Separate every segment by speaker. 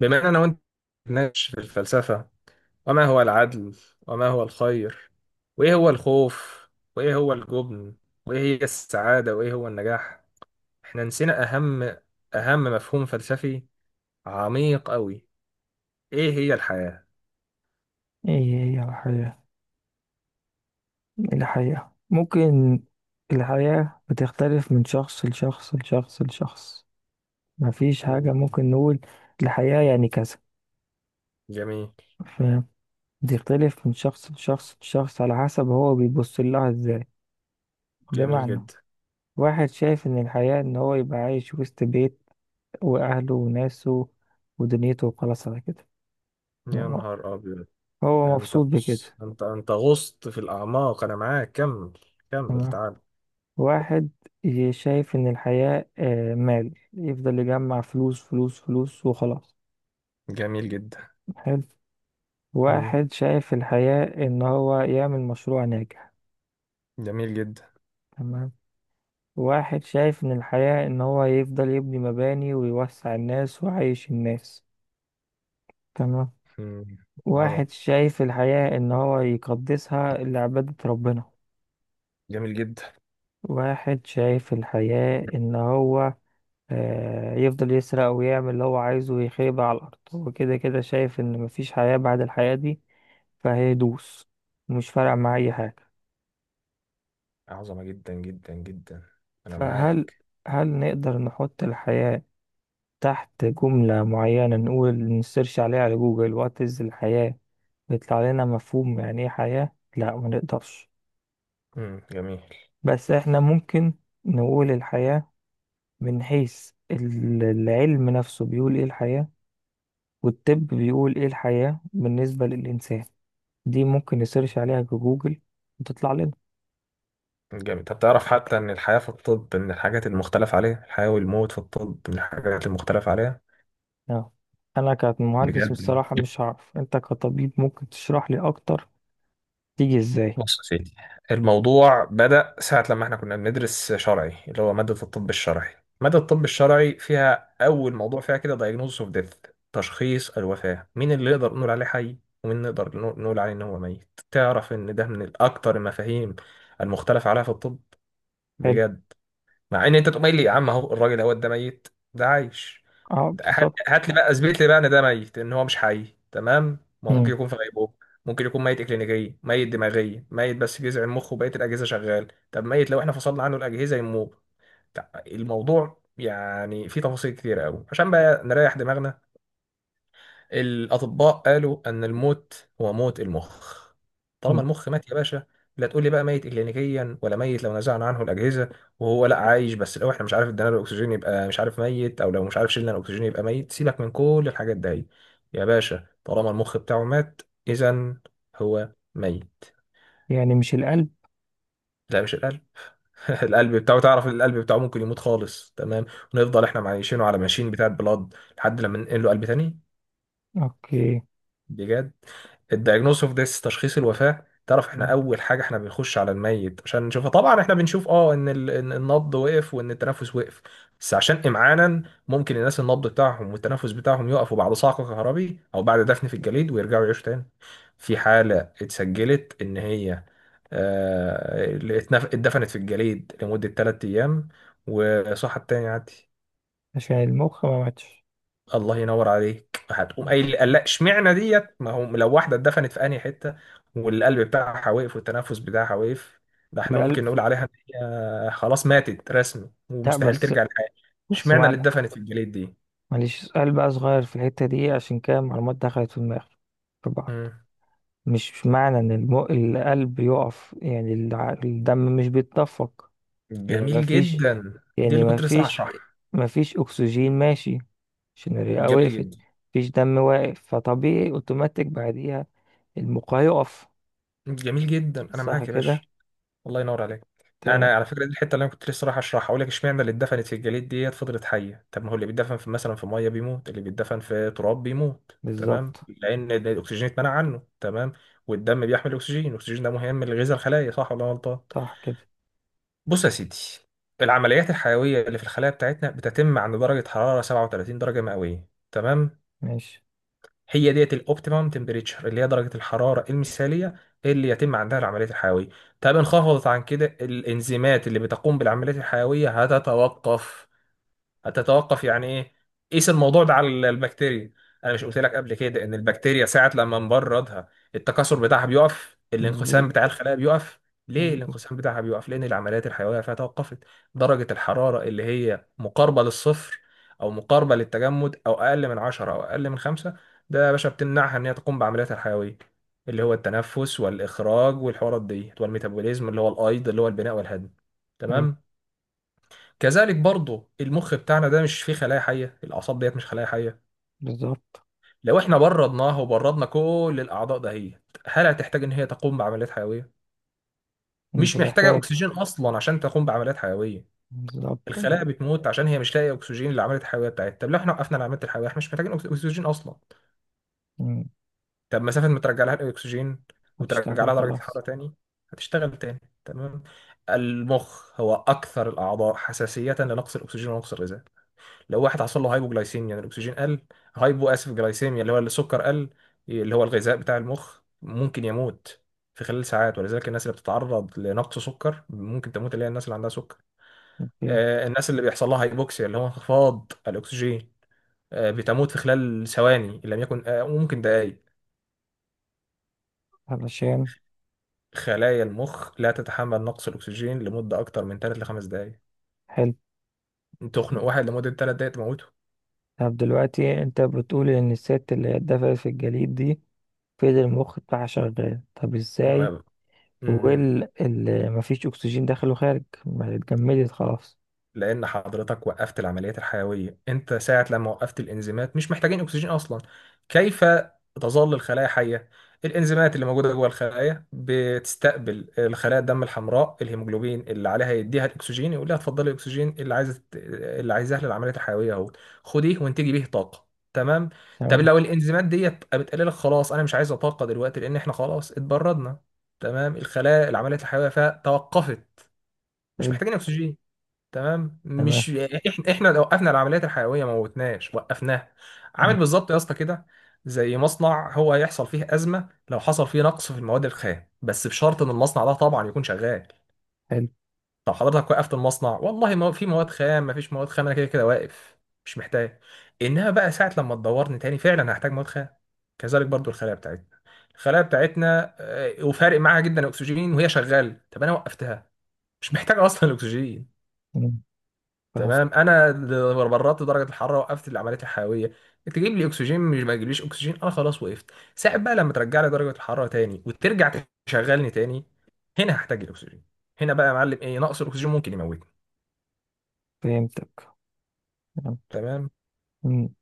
Speaker 1: بما أننا وأنت نتناقش في الفلسفة، وما هو العدل، وما هو الخير، وإيه هو الخوف، وإيه هو الجبن، وإيه هي السعادة، وإيه هو النجاح. إحنا نسينا أهم مفهوم فلسفي عميق أوي: إيه هي الحياة؟
Speaker 2: ايه هي الحياة ممكن الحياة بتختلف من شخص لشخص لشخص لشخص. مفيش حاجة
Speaker 1: جميل.
Speaker 2: ممكن نقول الحياة يعني كذا.
Speaker 1: جميل.
Speaker 2: فاهم. بتختلف من شخص لشخص لشخص على حسب هو بيبص لها ازاي.
Speaker 1: جميل
Speaker 2: بمعنى،
Speaker 1: جدا.
Speaker 2: واحد شايف ان الحياة ان هو يبقى عايش وسط بيت واهله وناسه ودنيته وخلاص على كده.
Speaker 1: يا
Speaker 2: تمام؟
Speaker 1: نهار أبيض!
Speaker 2: هو
Speaker 1: ده أنت،
Speaker 2: مبسوط
Speaker 1: بص،
Speaker 2: بكده.
Speaker 1: أنت غصت في الأعماق. أنا معاك. كمل كمل،
Speaker 2: تمام.
Speaker 1: تعال.
Speaker 2: واحد شايف إن الحياة، مال، يفضل يجمع فلوس فلوس فلوس وخلاص.
Speaker 1: جميل جدا.
Speaker 2: حلو.
Speaker 1: مم.
Speaker 2: واحد شايف الحياة إن هو يعمل مشروع ناجح.
Speaker 1: جميل جدا.
Speaker 2: تمام. واحد شايف إن الحياة إن هو يفضل يبني مباني ويوسع الناس ويعيش الناس. تمام.
Speaker 1: مم. عظم.
Speaker 2: واحد شايف الحياة إن هو يقدسها لعبادة ربنا.
Speaker 1: جميل جدا.
Speaker 2: واحد شايف الحياة إن هو يفضل يسرق ويعمل اللي هو عايزه ويخيب على الأرض، هو كده كده شايف إن مفيش حياة بعد الحياة دي، فهيدوس. مش فارقة مع أي حاجة.
Speaker 1: عظمة جدا جدا جدا. أنا
Speaker 2: فهل
Speaker 1: معاك.
Speaker 2: هل نقدر نحط الحياة تحت جملة معينة، نقول نسيرش عليها على جوجل، وات إز الحياة، بيطلع لنا مفهوم يعني إيه حياة؟ لا، ما نقدرش.
Speaker 1: مم. جميل.
Speaker 2: بس إحنا ممكن نقول الحياة من حيث العلم نفسه بيقول إيه الحياة، والطب بيقول إيه الحياة بالنسبة للإنسان. دي ممكن نسيرش عليها جوجل وتطلع لنا.
Speaker 1: جميل. طب تعرف حتى إن الحياة في الطب من الحاجات المختلف عليها؟ الحياة والموت في الطب من الحاجات المختلف عليها.
Speaker 2: اه، انا كمهندس
Speaker 1: بجد.
Speaker 2: بصراحة مش هعرف. انت كطبيب ممكن تشرح لي اكتر تيجي ازاي؟
Speaker 1: بص يا سيدي، الموضوع بدأ ساعة لما احنا كنا بندرس شرعي، اللي هو مادة الطب الشرعي. مادة الطب الشرعي فيها أول موضوع فيها كده diagnosis of death، تشخيص الوفاة. مين اللي نقدر نقول عليه حي ومين نقدر نقول عليه إن هو ميت؟ تعرف إن ده من الأكتر المفاهيم المختلف عليها في الطب؟
Speaker 2: حلو.
Speaker 1: بجد. مع ان انت تقوم قايل لي: يا عم اهو، الراجل اهو ده ميت، ده عايش.
Speaker 2: اه،
Speaker 1: ده، هات
Speaker 2: بالظبط.
Speaker 1: هات لي بقى، اثبت لي بقى ان ده ميت، ان هو مش حي. تمام، ما هو
Speaker 2: مم.
Speaker 1: ممكن يكون في غيبوبه، ممكن يكون ميت اكلينيكيا، ميت دماغيا، ميت بس جذع المخ وبقيه الاجهزه شغال. طب ميت لو احنا فصلنا عنه الاجهزه يموت. الموضوع يعني فيه تفاصيل كتيره قوي. عشان بقى نريح دماغنا، الأطباء قالوا أن الموت هو موت المخ. طالما
Speaker 2: مم.
Speaker 1: المخ مات يا باشا، لا تقول لي بقى ميت إكلينيكيا ولا ميت لو نزعنا عنه الأجهزة، وهو لا عايش بس لو احنا مش عارف ادينا له الأكسجين يبقى مش عارف ميت، أو لو مش عارف شلنا الأكسجين يبقى ميت. سيبك من كل الحاجات دي. يا باشا، طالما المخ بتاعه مات، إذا هو ميت.
Speaker 2: يعني مش القلب؟
Speaker 1: لا، مش القلب. القلب بتاعه، تعرف القلب بتاعه ممكن يموت خالص؟ تمام. ونفضل احنا معايشينه على ماشين بتاعة بلاد لحد لما ننقل له قلب تاني.
Speaker 2: اوكي.
Speaker 1: بجد. الدايجنوز اوف ديث، تشخيص الوفاه. تعرف احنا
Speaker 2: مم.
Speaker 1: اول حاجه احنا بنخش على الميت عشان نشوفه؟ طبعا احنا بنشوف إن النبض وقف وان التنفس وقف. بس عشان امعانا، ممكن الناس النبض بتاعهم والتنفس بتاعهم يقفوا بعد صعق كهربي او بعد دفن في الجليد، ويرجعوا يعيشوا تاني. في حاله اتسجلت ان هي اللي اتدفنت في الجليد لمده 3 ايام وصحت تاني عادي.
Speaker 2: عشان المخ ما ماتش.
Speaker 1: الله ينور عليك. هتقوم
Speaker 2: مم.
Speaker 1: قايل لي: لا، اشمعنى ديت؟ ما هو لو واحده اتدفنت في انهي حته، والقلب بتاعها واقف والتنفس بتاعها واقف، ده احنا
Speaker 2: القلب.
Speaker 1: ممكن نقول عليها ان هي خلاص ماتت رسمي
Speaker 2: لا،
Speaker 1: ومستحيل
Speaker 2: بس
Speaker 1: ترجع للحياه.
Speaker 2: بس
Speaker 1: اشمعنى اللي
Speaker 2: معلش
Speaker 1: اتدفنت في الجليد دي؟
Speaker 2: معلش سؤال بقى صغير في الحتة دي، عشان كده المعلومات دخلت في دماغي في بعض.
Speaker 1: مم.
Speaker 2: مش معنى ان القلب يقف يعني الدم مش بيتدفق. يعني ما
Speaker 1: جميل
Speaker 2: فيش
Speaker 1: جدا. دي
Speaker 2: يعني
Speaker 1: اللي
Speaker 2: ما
Speaker 1: كنت لسه
Speaker 2: فيش
Speaker 1: هشرحها.
Speaker 2: ما فيش اكسجين ماشي، عشان الرئة
Speaker 1: جميل
Speaker 2: وقفت،
Speaker 1: جدا.
Speaker 2: مفيش دم واقف، فطبيعي اوتوماتيك بعديها المخ هيقف.
Speaker 1: جميل جدا. انا
Speaker 2: صح
Speaker 1: معاك يا باشا.
Speaker 2: كده؟
Speaker 1: الله ينور عليك. انا
Speaker 2: تمام.
Speaker 1: على فكره دي الحته اللي انا كنت لسه رايح اشرحها، اقول لك اشمعنى اللي اتدفنت في الجليد ديت فضلت حيه؟ طب ما هو اللي بيتدفن في مثلا في ميه بيموت، اللي بيتدفن في تراب بيموت، تمام؟
Speaker 2: بالظبط.
Speaker 1: لان الاكسجين اتمنع عنه. تمام. والدم بيحمل الاكسجين، الاكسجين ده مهم لغذاء الخلايا، صح ولا أنا غلطان؟
Speaker 2: صح كده.
Speaker 1: بص يا سيدي، العمليات الحيويه اللي في الخلايا بتاعتنا بتتم عند درجه حراره 37 درجه مئويه، تمام.
Speaker 2: ماشي.
Speaker 1: هي ديت الاوبتيمم تمبريتشر، اللي هي درجه الحراره المثاليه اللي يتم عندها العمليات الحيويه. طب انخفضت عن كده، الانزيمات اللي بتقوم بالعمليات الحيويه هتتوقف. هتتوقف يعني ايه؟ قيس الموضوع ده على البكتيريا. انا مش قلت لك قبل كده ان البكتيريا ساعه لما نبردها التكاثر بتاعها بيقف، الانقسام
Speaker 2: مظبوط.
Speaker 1: بتاع الخلايا بيقف؟ ليه
Speaker 2: مظبوط.
Speaker 1: الانقسام بتاعها بيقف؟ لان العمليات الحيويه فيها توقفت. درجه الحراره اللي هي مقاربه للصفر، او مقاربه للتجمد، او اقل من 10، او اقل من 5، ده يا باشا بتمنعها ان هي تقوم بعملياتها الحيويه، اللي هو التنفس والاخراج والحوارات ديت والميتابوليزم اللي هو الايض، اللي هو البناء والهضم.
Speaker 2: حلو.
Speaker 1: تمام. كذلك برضه، المخ بتاعنا ده مش فيه خلايا حيه، الاعصاب ديت مش خلايا حيه.
Speaker 2: بالظبط.
Speaker 1: لو احنا بردناها وبردنا كل الاعضاء دهيت، هل هتحتاج ان هي تقوم بعمليات حيويه؟
Speaker 2: مش
Speaker 1: مش محتاجه
Speaker 2: هتحتاج.
Speaker 1: اكسجين اصلا عشان تقوم بعمليات حيويه.
Speaker 2: بالظبط
Speaker 1: الخلايا بتموت عشان هي مش لاقيه اكسجين للعمليات الحيويه بتاعتها. طب لو احنا وقفنا العمليات الحيويه، احنا مش محتاجين اكسجين اصلا.
Speaker 2: مم.
Speaker 1: طب مسافه ما ترجع لها الاكسجين وترجع
Speaker 2: هتشتغل
Speaker 1: لها درجه الحراره
Speaker 2: خلاص.
Speaker 1: تاني، هتشتغل تاني. تمام. المخ هو اكثر الاعضاء حساسيه لنقص الاكسجين ونقص الغذاء. لو واحد حصل له هايبوجلايسيميا، يعني الاكسجين قل، هايبو اسف جلايسيميا، اللي هو السكر قل، اللي هو الغذاء بتاع المخ، ممكن يموت في خلال ساعات. ولذلك الناس اللي بتتعرض لنقص سكر ممكن تموت، اللي هي الناس اللي عندها سكر.
Speaker 2: اوكي.
Speaker 1: الناس اللي بيحصل لها هايبوكسيا، اللي هو انخفاض الاكسجين، بتموت في خلال ثواني ان لم يكن وممكن دقائق.
Speaker 2: علشان
Speaker 1: خلايا المخ لا تتحمل نقص الاكسجين لمده اكتر من 3 ل 5 دقائق.
Speaker 2: حلو.
Speaker 1: تخنق واحد لمده 3 دقائق تموته.
Speaker 2: طب دلوقتي انت بتقول ان الست اللي هي اتدفنت في الجليد دي فضل المخ بتاعها شغال، طب
Speaker 1: ما...
Speaker 2: ازاي
Speaker 1: م- م.
Speaker 2: واللي مفيش أكسجين داخل وخارج ما اتجمدت خلاص؟
Speaker 1: لان حضرتك وقفت العمليات الحيويه، انت ساعه لما وقفت الانزيمات مش محتاجين اكسجين اصلا. كيف تظل الخلايا حيه؟ الانزيمات اللي موجوده جوه الخلايا بتستقبل الخلايا الدم الحمراء الهيموجلوبين اللي عليها، يديها الاكسجين، يقول لها اتفضلي الاكسجين اللي عايزه، اللي عايزاه للعمليات الحيويه اهو، خديه وانتجي بيه طاقه. تمام. طب
Speaker 2: تمام.
Speaker 1: لو الانزيمات ديت بتقول لك: خلاص انا مش عايزه طاقه دلوقتي، لان احنا خلاص اتبردنا. تمام، الخلايا العمليات الحيويه فيها توقفت، مش
Speaker 2: حلو.
Speaker 1: محتاجين اكسجين. تمام،
Speaker 2: تمام.
Speaker 1: مش احنا، احنا لو وقفنا العمليات الحيويه ما موتناش، وقفناها. عامل
Speaker 2: مم.
Speaker 1: بالظبط يا اسطى كده، زي مصنع، هو هيحصل فيه ازمه لو حصل فيه نقص في المواد الخام، بس بشرط ان المصنع ده طبعا يكون شغال.
Speaker 2: حلو.
Speaker 1: لو حضرتك وقفت المصنع، والله ما في مواد خام، ما فيش مواد خام، انا كده كده واقف، مش محتاج. انها بقى ساعه لما تدورني تاني، فعلا هحتاج مواد خام. كذلك برضو الخلايا بتاعتنا، الخلايا بتاعتنا وفارق معاها جدا الاكسجين وهي شغاله. طب انا وقفتها، مش محتاج اصلا الاكسجين.
Speaker 2: مم. ف-
Speaker 1: تمام، انا اللي برطت درجه الحراره وقفت اللي عمليه الحيويه. تجيب لي اكسجين، مش ما تجيبليش اكسجين، انا خلاص وقفت. ساعة بقى لما ترجع لي درجه الحراره تاني وترجع تشغلني تاني، هنا هحتاج الاكسجين. هنا بقى يا معلم ايه نقص الاكسجين ممكن يموتني.
Speaker 2: فهمتك. تمام.
Speaker 1: تمام.
Speaker 2: مم.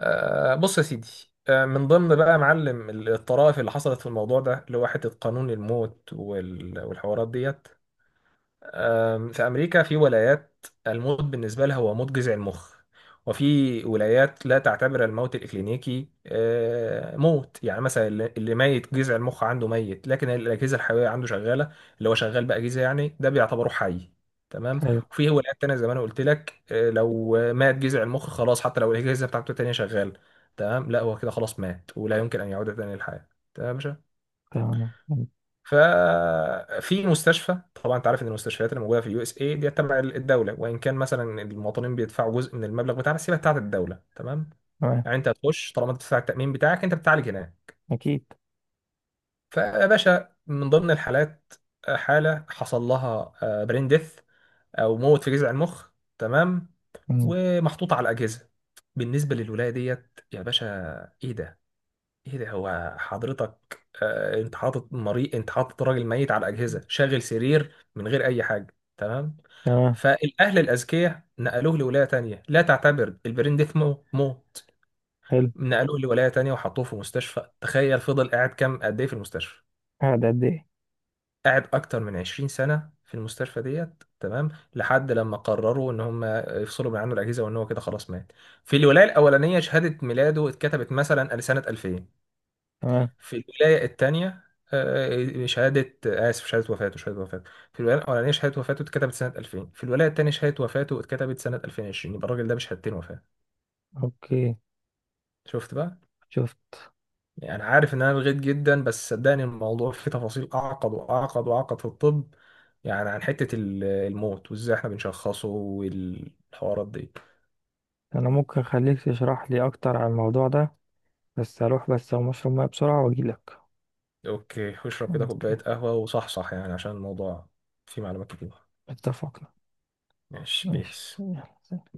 Speaker 1: بص يا سيدي، من ضمن بقى يا معلم الطرائف اللي حصلت في الموضوع ده، اللي هو حته قانون الموت والحوارات ديت. في أمريكا في ولايات الموت بالنسبة لها هو موت جذع المخ. وفي ولايات لا تعتبر الموت الإكلينيكي موت. يعني مثلا اللي ميت جذع المخ عنده، ميت لكن الأجهزة الحيوية عنده شغالة، اللي هو شغال بقى أجهزة، يعني ده بيعتبره حي. تمام.
Speaker 2: حلو.
Speaker 1: وفي ولايات تانية زي ما أنا قلت لك، لو مات جذع المخ خلاص حتى لو الأجهزة بتاعته التانية شغالة. تمام، لا، هو كده خلاص مات ولا يمكن أن يعود تاني للحياة. تمام يا باشا.
Speaker 2: تمام. مم.
Speaker 1: ففي مستشفى، طبعا انت عارف ان المستشفيات اللي موجوده في اليو اس اي دي تبع الدوله، وان كان مثلا المواطنين بيدفعوا جزء من المبلغ بتاعها، بس هي بتاعت الدوله. تمام.
Speaker 2: تمام.
Speaker 1: يعني انت هتخش، طالما انت بتدفع التامين بتاعك انت بتعالج هناك.
Speaker 2: أكيد.
Speaker 1: فيا باشا، من ضمن الحالات حاله حصل لها برين ديث، او موت في جذع المخ. تمام.
Speaker 2: مم.
Speaker 1: ومحطوطه على الاجهزه. بالنسبه للولايه ديت يا باشا، ايه ده؟ ايه ده؟ هو حضرتك انت حاطط مريض، انت حاطط راجل ميت على اجهزه، شاغل سرير من غير اي حاجه. تمام.
Speaker 2: تمام.
Speaker 1: فالاهل الاذكياء نقلوه لولايه تانية لا تعتبر البرين ديث مو موت.
Speaker 2: حلو.
Speaker 1: نقلوه لولايه تانية وحطوه في مستشفى. تخيل فضل قاعد كام قد ايه في المستشفى؟
Speaker 2: قاعد قد إيه؟
Speaker 1: قاعد اكتر من 20 سنه في المستشفى ديت. تمام. لحد لما قرروا ان هم يفصلوا من عنه الاجهزه وان هو كده خلاص مات. في الولايه الاولانيه شهاده ميلاده اتكتبت مثلا لسنه 2000.
Speaker 2: تمام.
Speaker 1: في الولاية التانية شهادة آسف شهادة وفاته، شهادة وفاته في الولاية الأولانية شهادة وفاته اتكتبت سنة 2000، في الولاية التانية شهادة وفاته اتكتبت سنة 2020. يبقى الراجل ده بشهادتين وفاة.
Speaker 2: أوكي.
Speaker 1: شفت بقى؟
Speaker 2: شفت.
Speaker 1: يعني عارف إن أنا لغيت جدا بس صدقني الموضوع فيه تفاصيل أعقد وأعقد وأعقد في الطب. يعني عن حتة الموت وإزاي إحنا بنشخصه والحوارات دي.
Speaker 2: أنا ممكن أخليك تشرح لي أكتر عن الموضوع ده، بس هروح بس أقوم أشرب مية بسرعة وأجيلك.
Speaker 1: أوكي، واشرب كده
Speaker 2: أوكي.
Speaker 1: كوباية قهوة وصحصح يعني، عشان الموضوع فيه معلومات كتير.
Speaker 2: اتفقنا.
Speaker 1: ماشي
Speaker 2: ماشي
Speaker 1: بيس.
Speaker 2: يلا. سلام.